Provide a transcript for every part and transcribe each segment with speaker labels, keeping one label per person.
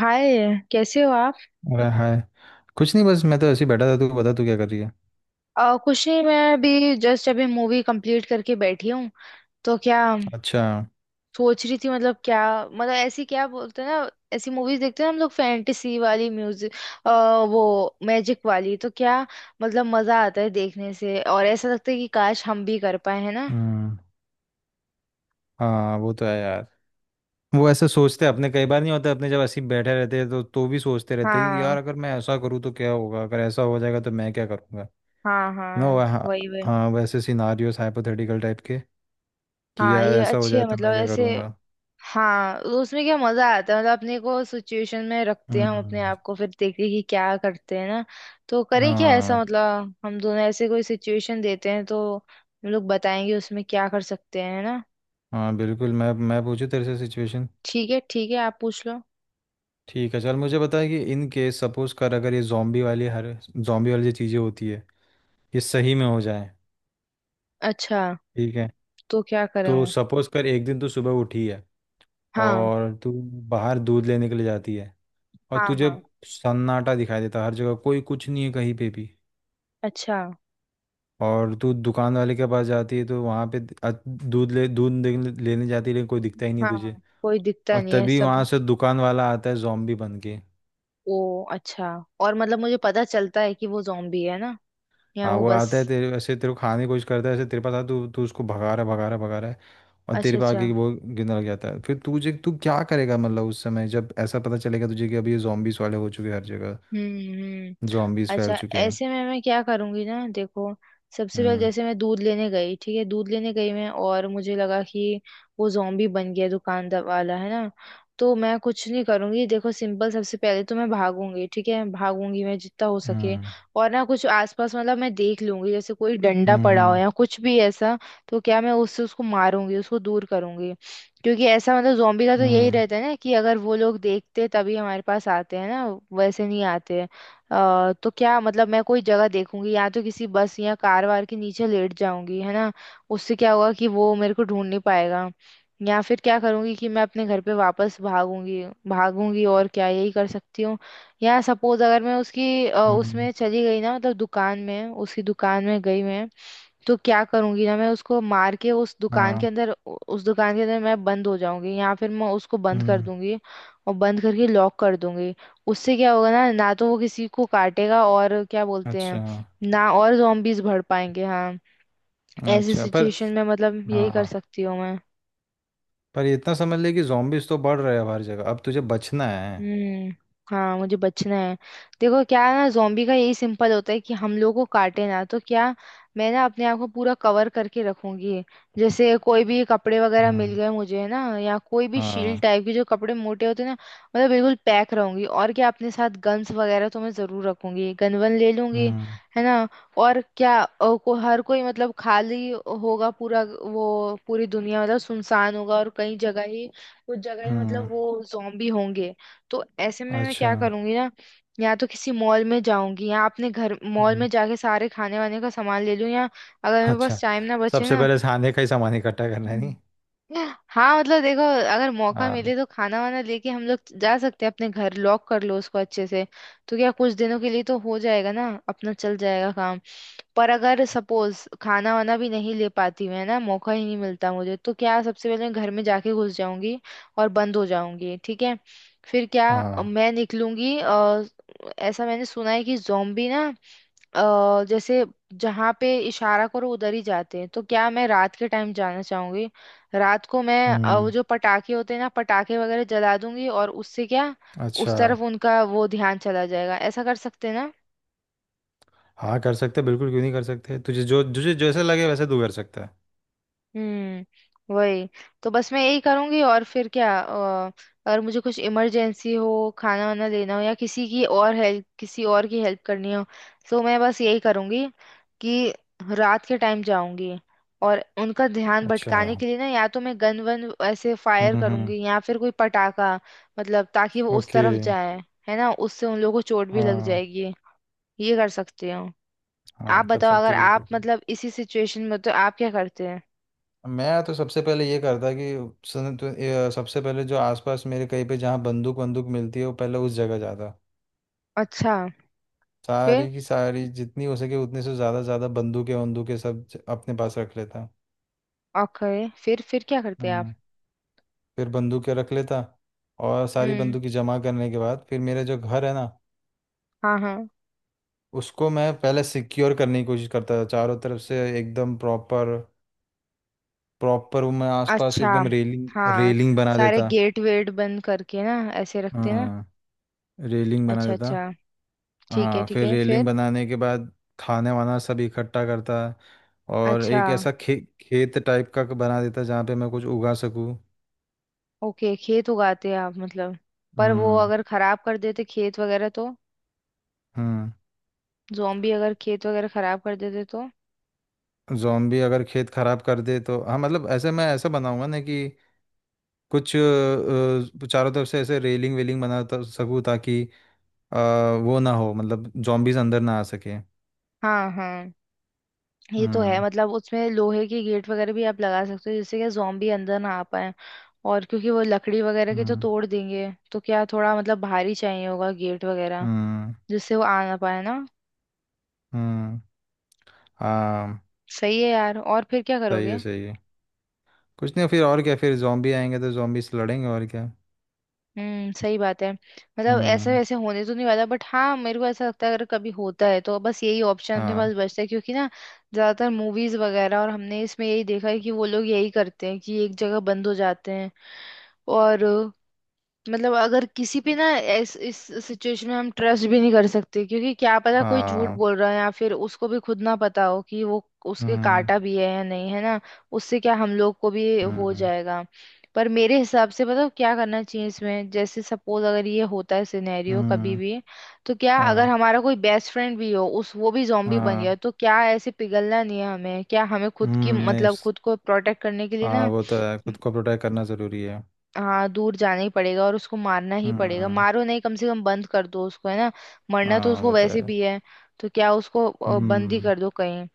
Speaker 1: हाय। कैसे हो आप?
Speaker 2: अरे, हाय। कुछ नहीं, बस मैं तो ऐसे ही बैठा था। तू बता, तू क्या कर रही है?
Speaker 1: कुछ नहीं, मैं अभी जस्ट अभी मूवी कंप्लीट करके बैठी हूँ। तो क्या
Speaker 2: अच्छा।
Speaker 1: सोच रही थी, मतलब क्या? मतलब ऐसी, क्या बोलते हैं ना, ऐसी मूवीज देखते हैं हम लोग, फैंटेसी वाली, म्यूजिक वो मैजिक वाली, तो क्या, मतलब मजा आता है देखने से, और ऐसा लगता है कि काश हम भी कर पाए, है ना।
Speaker 2: हम्म। हाँ, वो तो है यार। वो ऐसे सोचते हैं अपने कई बार, नहीं होता, अपने जब ऐसे ही बैठे रहते हैं तो भी सोचते रहते हैं कि
Speaker 1: हाँ,
Speaker 2: यार, अगर मैं ऐसा करूँ तो क्या होगा, अगर ऐसा हो जाएगा तो मैं क्या करूँगा।
Speaker 1: हाँ
Speaker 2: नो,
Speaker 1: हाँ,
Speaker 2: हाँ।
Speaker 1: वही वही।
Speaker 2: हाँ, वैसे सिनारियोस हाइपोथेटिकल टाइप के, कि
Speaker 1: हाँ,
Speaker 2: यार,
Speaker 1: ये
Speaker 2: ऐसा हो
Speaker 1: अच्छी है
Speaker 2: जाए तो
Speaker 1: मतलब
Speaker 2: मैं क्या
Speaker 1: ऐसे।
Speaker 2: करूँगा।
Speaker 1: हाँ, तो उसमें क्या मजा आता है, मतलब अपने को सिचुएशन में रखते हैं हम, अपने
Speaker 2: हम्म।
Speaker 1: आप को फिर देखते हैं कि क्या करते हैं, ना। तो करें क्या ऐसा,
Speaker 2: हाँ,
Speaker 1: मतलब हम दोनों ऐसे कोई सिचुएशन देते हैं तो हम लोग बताएंगे उसमें क्या कर सकते हैं, है ना।
Speaker 2: हाँ, बिल्कुल। मैं पूछूँ तेरे से सिचुएशन।
Speaker 1: ठीक है ठीक है, आप पूछ लो।
Speaker 2: ठीक है, चल मुझे बता कि इन केस, सपोज कर, अगर ये जॉम्बी वाली, हर जॉम्बी वाली जो चीज़ें होती है, ये सही में हो जाए।
Speaker 1: अच्छा।
Speaker 2: ठीक है।
Speaker 1: तो क्या करें
Speaker 2: तो
Speaker 1: हूँ।
Speaker 2: सपोज कर, एक दिन तू सुबह उठी है
Speaker 1: हाँ
Speaker 2: और तू बाहर दूध लेने के लिए जाती है, और
Speaker 1: हाँ।
Speaker 2: तुझे
Speaker 1: हाँ।
Speaker 2: सन्नाटा दिखाई देता है हर जगह, कोई कुछ नहीं है कहीं पे भी।
Speaker 1: अच्छा।
Speaker 2: और तू दुकान वाले के पास जाती है तो वहाँ पे दूध लेने जाती है, लेकिन कोई दिखता ही नहीं है
Speaker 1: हाँ
Speaker 2: तुझे।
Speaker 1: हाँ, कोई दिखता
Speaker 2: और
Speaker 1: नहीं है
Speaker 2: तभी वहाँ
Speaker 1: सब।
Speaker 2: से दुकान वाला आता है, जॉम्बी बन के।
Speaker 1: ओ अच्छा। और मतलब मुझे पता चलता है कि वो जॉम्बी है ना, या
Speaker 2: हाँ,
Speaker 1: वो
Speaker 2: वो
Speaker 1: बस।
Speaker 2: आता है, तेरे ऐसे तेरे को खाने की कोशिश करता है, ऐसे तेरे पास आता है, तू तू उसको भगा रहा है, भगा रहा है, भगा रहा है। और
Speaker 1: अच्छा
Speaker 2: तेरे पे
Speaker 1: अच्छा।
Speaker 2: आके वो गिरने लग जाता है, फिर तुझे, तू क्या करेगा मतलब उस समय जब ऐसा पता चलेगा तुझे कि अभी ये zombies वाले हो चुके हैं हर जगह,
Speaker 1: हम्म हम्म।
Speaker 2: zombies
Speaker 1: अच्छा।
Speaker 2: फैल चुके हैं।
Speaker 1: ऐसे में मैं क्या करूंगी ना, देखो। सबसे पहले
Speaker 2: हम्म।
Speaker 1: जैसे मैं दूध लेने गई, ठीक है, दूध लेने गई मैं और मुझे लगा कि वो zombie बन गया दुकानदार वाला, है ना। तो मैं कुछ नहीं करूंगी, देखो, सिंपल। सबसे पहले तो मैं भागूंगी, ठीक है, भागूंगी मैं जितना हो सके।
Speaker 2: हम्म।
Speaker 1: और ना कुछ आसपास मतलब मैं देख लूंगी, जैसे कोई डंडा
Speaker 2: हम्म।
Speaker 1: पड़ा हो
Speaker 2: हम्म।
Speaker 1: या कुछ भी ऐसा। तो क्या मैं उससे उसको मारूंगी, उसको दूर करूंगी। क्योंकि ऐसा मतलब जोम्बी का तो यही
Speaker 2: हम्म।
Speaker 1: रहता है ना, कि अगर वो लोग देखते तभी हमारे पास आते हैं ना। वैसे नहीं आते हैं। तो क्या मतलब मैं कोई जगह देखूंगी, या तो किसी बस या कार वार के नीचे लेट जाऊंगी, है ना। उससे क्या होगा कि वो मेरे को ढूंढ नहीं पाएगा। या फिर क्या करूंगी कि मैं अपने घर पे वापस भागूंगी भागूंगी, और क्या यही कर सकती हूँ। या सपोज अगर मैं उसकी
Speaker 2: हम्म,
Speaker 1: उसमें चली गई ना, मतलब दुकान में उसकी दुकान में गई मैं। तो क्या करूंगी ना, मैं उसको मार के
Speaker 2: हाँ।
Speaker 1: उस दुकान के अंदर मैं बंद हो जाऊंगी, या फिर मैं उसको बंद कर
Speaker 2: हम्म।
Speaker 1: दूंगी। और बंद करके लॉक कर दूंगी। उससे क्या होगा, ना ना तो वो किसी को काटेगा और क्या बोलते हैं,
Speaker 2: अच्छा।
Speaker 1: ना, और zombies बढ़ पाएंगे, हाँ। ऐसी
Speaker 2: अच्छा, पर
Speaker 1: सिचुएशन में मतलब यही कर
Speaker 2: हाँ,
Speaker 1: सकती हूँ मैं।
Speaker 2: पर ये इतना समझ ले कि zombies तो बढ़ रहे हैं अब हर जगह, अब तुझे बचना है।
Speaker 1: हम्म। हाँ, मुझे बचना है। देखो क्या है ना, जोम्बी का यही सिंपल होता है कि हम लोगों को काटे, ना तो क्या, मैं ना अपने आप को पूरा कवर करके रखूंगी। जैसे कोई भी कपड़े वगैरह मिल
Speaker 2: हम्म।
Speaker 1: गए मुझे है ना, या कोई भी शील्ड
Speaker 2: हाँ।
Speaker 1: टाइप के जो कपड़े मोटे होते हैं ना। मतलब बिल्कुल पैक रहूंगी, और क्या, अपने साथ गन्स वगैरह तो मैं जरूर रखूंगी, गन वन ले लूंगी।
Speaker 2: हम्म।
Speaker 1: है ना। और क्या को हर कोई मतलब खाली होगा पूरा, वो पूरी दुनिया मतलब सुनसान होगा, और कई जगह ही, कुछ जगह ही मतलब
Speaker 2: हम्म।
Speaker 1: वो जोम्बी होंगे। तो ऐसे में मैं
Speaker 2: अच्छा।
Speaker 1: क्या करूंगी ना, या तो किसी मॉल में जाऊंगी या अपने घर, मॉल
Speaker 2: हम्म,
Speaker 1: में जाके सारे खाने वाने का सामान ले लूं, या अगर मेरे
Speaker 2: अच्छा।
Speaker 1: पास टाइम ना बचे
Speaker 2: सबसे
Speaker 1: ना।
Speaker 2: पहले खाने का ही सामान इकट्ठा करना है, नहीं?
Speaker 1: हाँ मतलब देखो, अगर मौका
Speaker 2: हाँ,
Speaker 1: मिले तो खाना वाना लेके हम लोग जा सकते हैं अपने घर, लॉक कर लो उसको अच्छे से। तो क्या, कुछ दिनों के लिए तो हो जाएगा ना, अपना चल जाएगा काम। पर अगर सपोज खाना वाना भी नहीं ले पाती मैं, ना मौका ही नहीं मिलता मुझे, तो क्या सबसे पहले मैं घर में जाके घुस जाऊंगी और बंद हो जाऊंगी, ठीक है। फिर क्या,
Speaker 2: हाँ।
Speaker 1: मैं निकलूंगी, ऐसा मैंने सुना है कि जोम्बी ना, जैसे, जहाँ पे इशारा करो उधर ही जाते हैं, तो क्या मैं रात के टाइम जाना चाहूंगी। रात को मैं, वो
Speaker 2: हम्म।
Speaker 1: जो पटाखे होते हैं ना, पटाखे वगैरह जला दूंगी, और उससे क्या, उस
Speaker 2: अच्छा।
Speaker 1: तरफ उनका वो ध्यान चला जाएगा, ऐसा कर सकते हैं ना।
Speaker 2: हाँ, कर सकते बिल्कुल, क्यों नहीं कर सकते, तुझे जो, तुझे जैसे लगे वैसे तू कर सकता है।
Speaker 1: वही, तो बस मैं यही करूंगी, और फिर क्या, अगर मुझे कुछ इमरजेंसी हो, खाना वाना लेना हो, या किसी और की हेल्प करनी हो, तो मैं बस यही करूंगी, कि रात के टाइम जाऊंगी और उनका ध्यान
Speaker 2: अच्छा।
Speaker 1: भटकाने के लिए ना, या तो मैं गन वन ऐसे
Speaker 2: हम्म।
Speaker 1: फायर
Speaker 2: हम्म।
Speaker 1: करूंगी, या फिर कोई पटाखा, मतलब ताकि वो उस
Speaker 2: ओके।
Speaker 1: तरफ जाए, है ना, उससे उन लोगों को चोट भी लग
Speaker 2: हाँ,
Speaker 1: जाएगी, ये कर सकती हूँ। आप
Speaker 2: हाँ, कर
Speaker 1: बताओ,
Speaker 2: सकती
Speaker 1: अगर
Speaker 2: बिल्कुल,
Speaker 1: आप
Speaker 2: बिल्कुल।
Speaker 1: मतलब इसी सिचुएशन में हो, तो आप क्या करते हैं?
Speaker 2: मैं तो सबसे पहले ये करता कि सुन, तो ये सबसे पहले जो आसपास मेरे कहीं पे जहाँ बंदूक बंदूक मिलती है, वो पहले उस जगह जाता।
Speaker 1: अच्छा फिर।
Speaker 2: सारी की सारी, जितनी हो सके, उतने से ज़्यादा ज़्यादा बंदूकें बंदूकें सब अपने पास रख लेता।
Speaker 1: ओके, फिर क्या करते आप?
Speaker 2: हम्म। फिर बंदूकें रख लेता, और सारी
Speaker 1: हम्म।
Speaker 2: बंदूकें जमा करने के बाद फिर मेरा जो घर है ना,
Speaker 1: हाँ हाँ।
Speaker 2: उसको मैं पहले सिक्योर करने की कोशिश करता था चारों तरफ से एकदम प्रॉपर। प्रॉपर, वो मैं आसपास
Speaker 1: अच्छा।
Speaker 2: एकदम रेलिंग,
Speaker 1: हाँ,
Speaker 2: रेलिंग बना
Speaker 1: सारे
Speaker 2: देता।
Speaker 1: गेट वेट बंद करके ना, ऐसे रखते ना।
Speaker 2: हाँ, रेलिंग बना
Speaker 1: अच्छा
Speaker 2: देता।
Speaker 1: अच्छा। ठीक है
Speaker 2: हाँ,
Speaker 1: ठीक
Speaker 2: फिर
Speaker 1: है,
Speaker 2: रेलिंग
Speaker 1: फिर?
Speaker 2: बनाने के बाद खाने वाना सब इकट्ठा करता। और
Speaker 1: अच्छा।
Speaker 2: एक ऐसा खेत टाइप का बना देता जहाँ पे मैं कुछ उगा सकूँ।
Speaker 1: ओके, खेत उगाते हैं आप मतलब? पर वो
Speaker 2: हम्म।
Speaker 1: अगर खराब कर देते खेत वगैरह तो,
Speaker 2: हम्म।
Speaker 1: जोम्बी अगर खेत वगैरह खराब कर देते तो?
Speaker 2: जॉम्बी अगर खेत खराब कर दे तो, हाँ मतलब ऐसे, मैं ऐसा बनाऊंगा ना कि कुछ चारों तरफ से ऐसे रेलिंग वेलिंग बना सकूं ताकि अ, वो ना हो, मतलब जॉम्बीज अंदर ना आ सके।
Speaker 1: हाँ हाँ, ये तो है,
Speaker 2: हम्म।
Speaker 1: मतलब उसमें लोहे के गेट वगैरह भी आप लगा सकते हो जिससे कि जोम्बी अंदर ना आ पाए। और क्योंकि वो लकड़ी वगैरह के तो
Speaker 2: हम्म।
Speaker 1: तोड़ देंगे, तो क्या थोड़ा मतलब भारी चाहिए होगा गेट वगैरह,
Speaker 2: हम्म।
Speaker 1: जिससे वो आ ना पाए ना।
Speaker 2: हम्म। हाँ।
Speaker 1: सही है यार, और फिर क्या
Speaker 2: सही है,
Speaker 1: करोगे?
Speaker 2: सही है। कुछ नहीं, फिर और क्या, फिर जॉम्बी आएंगे तो जॉम्बी से लड़ेंगे, और क्या।
Speaker 1: सही बात है, मतलब ऐसा
Speaker 2: हम्म।
Speaker 1: वैसे होने तो नहीं वाला, बट हाँ, मेरे को ऐसा लगता है अगर कभी होता है तो बस यही ऑप्शन अपने
Speaker 2: हाँ,
Speaker 1: पास बचता है, क्योंकि ना, ज्यादातर मूवीज वगैरह और हमने इसमें यही देखा है कि वो लोग यही करते हैं कि एक जगह बंद हो जाते हैं। और मतलब, अगर किसी पे ना इस सिचुएशन में हम ट्रस्ट भी नहीं कर सकते, क्योंकि क्या पता कोई झूठ
Speaker 2: हाँ।
Speaker 1: बोल रहा है, या फिर उसको भी खुद ना पता हो कि वो उसके
Speaker 2: हम्म।
Speaker 1: काटा भी है या नहीं, है ना। उससे क्या, हम लोग को भी हो
Speaker 2: हम्म।
Speaker 1: जाएगा। पर मेरे हिसाब से बताओ क्या करना चाहिए इसमें, जैसे सपोज अगर ये होता है सिनेरियो कभी
Speaker 2: हम्म।
Speaker 1: भी, तो क्या अगर
Speaker 2: हाँ,
Speaker 1: हमारा कोई बेस्ट फ्रेंड भी हो उस वो भी जॉम्बी बन
Speaker 2: हाँ।
Speaker 1: गया, तो क्या ऐसे पिघलना नहीं है हमें, क्या हमें खुद की
Speaker 2: हम्म। नहीं,
Speaker 1: मतलब खुद को प्रोटेक्ट करने के लिए
Speaker 2: हाँ,
Speaker 1: ना।
Speaker 2: वो तो है, खुद को प्रोटेक्ट करना ज़रूरी है।
Speaker 1: हाँ, दूर जाना ही पड़ेगा और उसको मारना ही पड़ेगा,
Speaker 2: हम्म।
Speaker 1: मारो नहीं कम से कम बंद कर दो उसको, है ना। मरना तो
Speaker 2: हाँ,
Speaker 1: उसको
Speaker 2: वो तो है।
Speaker 1: वैसे भी है, तो क्या उसको बंद ही
Speaker 2: हम्म।
Speaker 1: कर दो कहीं।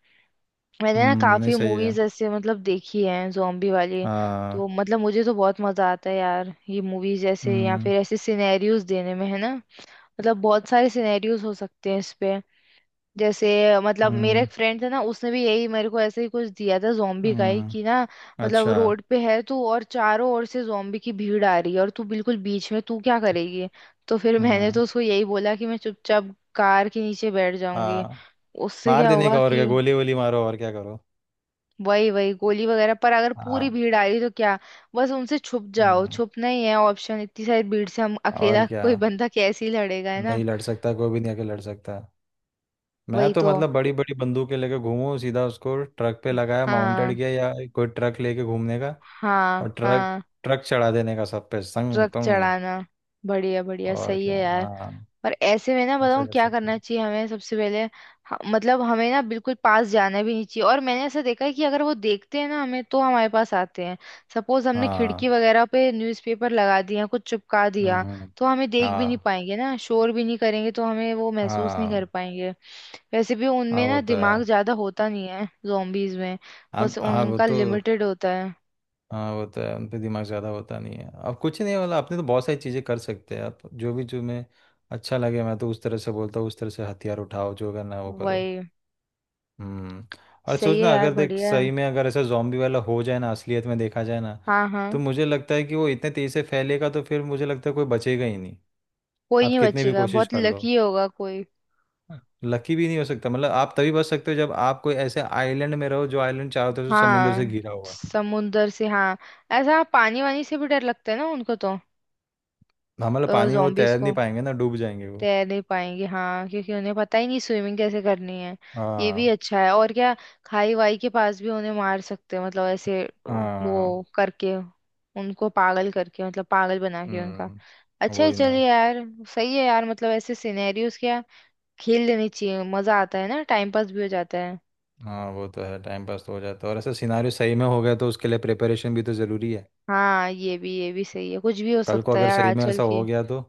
Speaker 1: मैंने ना
Speaker 2: हम्म, नहीं,
Speaker 1: काफी
Speaker 2: सही है।
Speaker 1: मूवीज ऐसे मतलब देखी है zombie वाली,
Speaker 2: हाँ।
Speaker 1: तो मतलब मुझे तो बहुत मजा आता है यार, ये मूवीज ऐसे या
Speaker 2: हम्म।
Speaker 1: फिर ऐसे सिनेरियोज देने में, है ना। मतलब बहुत सारे सिनेरियोज हो सकते हैं इस पे, जैसे, मतलब मेरा
Speaker 2: हम्म।
Speaker 1: एक फ्रेंड था ना, उसने भी यही मेरे को ऐसे ही कुछ दिया था जोम्बी का ही,
Speaker 2: हम्म,
Speaker 1: कि ना, मतलब
Speaker 2: अच्छा।
Speaker 1: रोड पे है तू, और चारों ओर से जोम्बी की भीड़ आ रही है, और तू बिल्कुल बीच में, तू क्या करेगी? तो फिर मैंने
Speaker 2: हम्म।
Speaker 1: तो उसको यही बोला कि मैं चुपचाप कार के नीचे बैठ जाऊंगी।
Speaker 2: हाँ,
Speaker 1: उससे
Speaker 2: मार
Speaker 1: क्या
Speaker 2: देने
Speaker 1: होगा
Speaker 2: का, और क्या,
Speaker 1: कि,
Speaker 2: गोली वोली मारो, और क्या करो।
Speaker 1: वही वही, गोली वगैरह, पर अगर पूरी
Speaker 2: हाँ।
Speaker 1: भीड़ आ रही तो क्या, बस उनसे छुप जाओ,
Speaker 2: हम्म।
Speaker 1: छुपना ही है ऑप्शन, इतनी सारी भीड़ से हम
Speaker 2: और
Speaker 1: अकेला
Speaker 2: क्या,
Speaker 1: कोई बंदा कैसे ही लड़ेगा, है ना।
Speaker 2: नहीं लड़ सकता कोई भी, नहीं आके लड़ सकता। मैं
Speaker 1: वही
Speaker 2: तो
Speaker 1: तो।
Speaker 2: मतलब बड़ी बड़ी बंदूकें लेके घूमूं, सीधा उसको ट्रक पे लगाया, माउंटेड
Speaker 1: हाँ
Speaker 2: किया, या कोई ट्रक लेके घूमने का।
Speaker 1: हाँ
Speaker 2: और ट्रक,
Speaker 1: हाँ।
Speaker 2: ट्रक चढ़ा देने का सब पे, संग
Speaker 1: ट्रक
Speaker 2: तुंग।
Speaker 1: चढ़ाना, बढ़िया बढ़िया,
Speaker 2: और
Speaker 1: सही
Speaker 2: क्या,
Speaker 1: है यार।
Speaker 2: हाँ।
Speaker 1: पर ऐसे में ना
Speaker 2: ऐसा
Speaker 1: बताऊँ
Speaker 2: कर
Speaker 1: क्या
Speaker 2: सकते
Speaker 1: करना
Speaker 2: हैं।
Speaker 1: चाहिए हमें, सबसे पहले मतलब हमें ना बिल्कुल पास जाना भी नहीं चाहिए, और मैंने ऐसा देखा है कि अगर वो देखते हैं ना हमें, तो हमारे पास आते हैं। सपोज हमने
Speaker 2: हाँ।
Speaker 1: खिड़की वगैरह पे न्यूज़पेपर लगा दिया, कुछ चिपका
Speaker 2: हम्म।
Speaker 1: दिया, तो हमें देख भी नहीं
Speaker 2: हाँ,
Speaker 1: पाएंगे ना, शोर भी नहीं करेंगे तो हमें वो महसूस नहीं कर
Speaker 2: हाँ।
Speaker 1: पाएंगे। वैसे भी
Speaker 2: हाँ,
Speaker 1: उनमें
Speaker 2: वो
Speaker 1: ना
Speaker 2: तो है।
Speaker 1: दिमाग ज्यादा होता नहीं है जोम्बीज में,
Speaker 2: अब
Speaker 1: बस
Speaker 2: हाँ, वो
Speaker 1: उनका
Speaker 2: तो,
Speaker 1: लिमिटेड होता है।
Speaker 2: हाँ, वो तो है, उन पे दिमाग ज़्यादा होता नहीं है। अब कुछ नहीं वाला, आपने तो बहुत सारी चीज़ें कर सकते हैं आप, जो भी, जो मैं अच्छा लगे, मैं तो उस तरह से बोलता हूँ, उस तरह से हथियार उठाओ, जो करना है वो करो।
Speaker 1: वही।
Speaker 2: हम्म। और
Speaker 1: सही है
Speaker 2: सोचना,
Speaker 1: यार,
Speaker 2: अगर देख,
Speaker 1: बढ़िया है।
Speaker 2: सही में अगर ऐसा जॉम्बी वाला हो जाए ना, असलियत में देखा जाए ना,
Speaker 1: हाँ
Speaker 2: तो
Speaker 1: हाँ।
Speaker 2: मुझे लगता है कि वो इतने तेज़ी से फैलेगा, तो फिर मुझे लगता है कोई बचेगा ही नहीं।
Speaker 1: कोई
Speaker 2: आप
Speaker 1: नहीं
Speaker 2: कितने भी
Speaker 1: बचेगा,
Speaker 2: कोशिश
Speaker 1: बहुत
Speaker 2: कर लो,
Speaker 1: लकी होगा कोई।
Speaker 2: लकी भी नहीं हो सकता। मतलब आप तभी बच सकते हो जब आप कोई ऐसे आइलैंड में रहो, जो आइलैंड चारों तरफ से समुंदर से
Speaker 1: हाँ,
Speaker 2: घिरा हुआ है।
Speaker 1: समुंदर से, हाँ। ऐसा पानी वानी से भी डर लगता है ना उनको तो,
Speaker 2: हम, मतलब पानी में वो
Speaker 1: जॉम्बीज
Speaker 2: तैर नहीं
Speaker 1: को,
Speaker 2: पाएंगे ना, डूब जाएंगे वो।
Speaker 1: तैर नहीं पाएंगे हाँ, क्योंकि उन्हें पता ही नहीं स्विमिंग कैसे करनी है। ये भी
Speaker 2: हाँ,
Speaker 1: अच्छा है, और क्या, खाई वाई के पास भी उन्हें मार सकते हैं, मतलब ऐसे,
Speaker 2: हाँ।
Speaker 1: वो करके, उनको पागल करके, मतलब पागल बना के उनका।
Speaker 2: हम्म,
Speaker 1: अच्छा है,
Speaker 2: वही ना।
Speaker 1: चलिए यार। सही है यार, मतलब ऐसे सिनेरियोस क्या, खेल लेनी चाहिए, मजा आता है ना, टाइम पास भी हो जाता है।
Speaker 2: हाँ, वो तो है, टाइम पास तो हो जाता है, और ऐसा सिनारियो सही में हो गया तो उसके लिए प्रिपरेशन भी तो ज़रूरी है।
Speaker 1: हाँ, ये भी सही है, कुछ भी हो
Speaker 2: कल को
Speaker 1: सकता है
Speaker 2: अगर
Speaker 1: यार
Speaker 2: सही में
Speaker 1: आजकल
Speaker 2: ऐसा हो
Speaker 1: की।
Speaker 2: गया तो।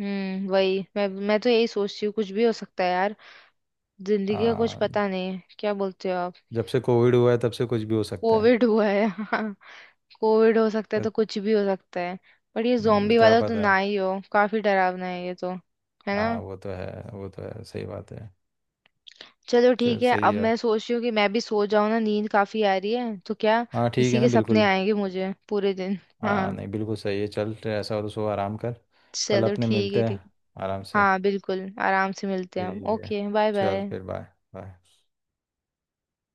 Speaker 1: वही, मैं तो यही सोचती हूँ, कुछ भी हो सकता है यार। जिंदगी का कुछ
Speaker 2: हाँ,
Speaker 1: पता नहीं है, क्या बोलते हो आप?
Speaker 2: जब से कोविड हुआ है तब से कुछ भी हो सकता है।
Speaker 1: कोविड हुआ है हाँ, कोविड हो सकता है
Speaker 2: तो,
Speaker 1: तो कुछ भी हो सकता है। पर ये जोम्बी
Speaker 2: क्या
Speaker 1: वाला तो
Speaker 2: पता।
Speaker 1: ना ही हो, काफी डरावना है ये तो, है
Speaker 2: हाँ,
Speaker 1: ना।
Speaker 2: वो तो है, वो तो है, सही बात है।
Speaker 1: चलो
Speaker 2: चल,
Speaker 1: ठीक है,
Speaker 2: सही
Speaker 1: अब
Speaker 2: है।
Speaker 1: मैं सोच रही हूँ कि मैं भी सो जाऊँ ना, नींद काफी आ रही है तो क्या,
Speaker 2: हाँ, ठीक
Speaker 1: इसी
Speaker 2: है ना,
Speaker 1: के सपने
Speaker 2: बिल्कुल।
Speaker 1: आएंगे मुझे पूरे दिन। हाँ,
Speaker 2: हाँ, नहीं, बिल्कुल सही है, चल, तो ऐसा हो तो सो, आराम कर। कल
Speaker 1: चलो
Speaker 2: अपने
Speaker 1: ठीक है
Speaker 2: मिलते हैं।
Speaker 1: ठीक है।
Speaker 2: आराम से।
Speaker 1: हाँ बिल्कुल, आराम से मिलते हैं हम।
Speaker 2: ठीक है।
Speaker 1: ओके बाय
Speaker 2: चल
Speaker 1: बाय।
Speaker 2: फिर, बाय। बाय।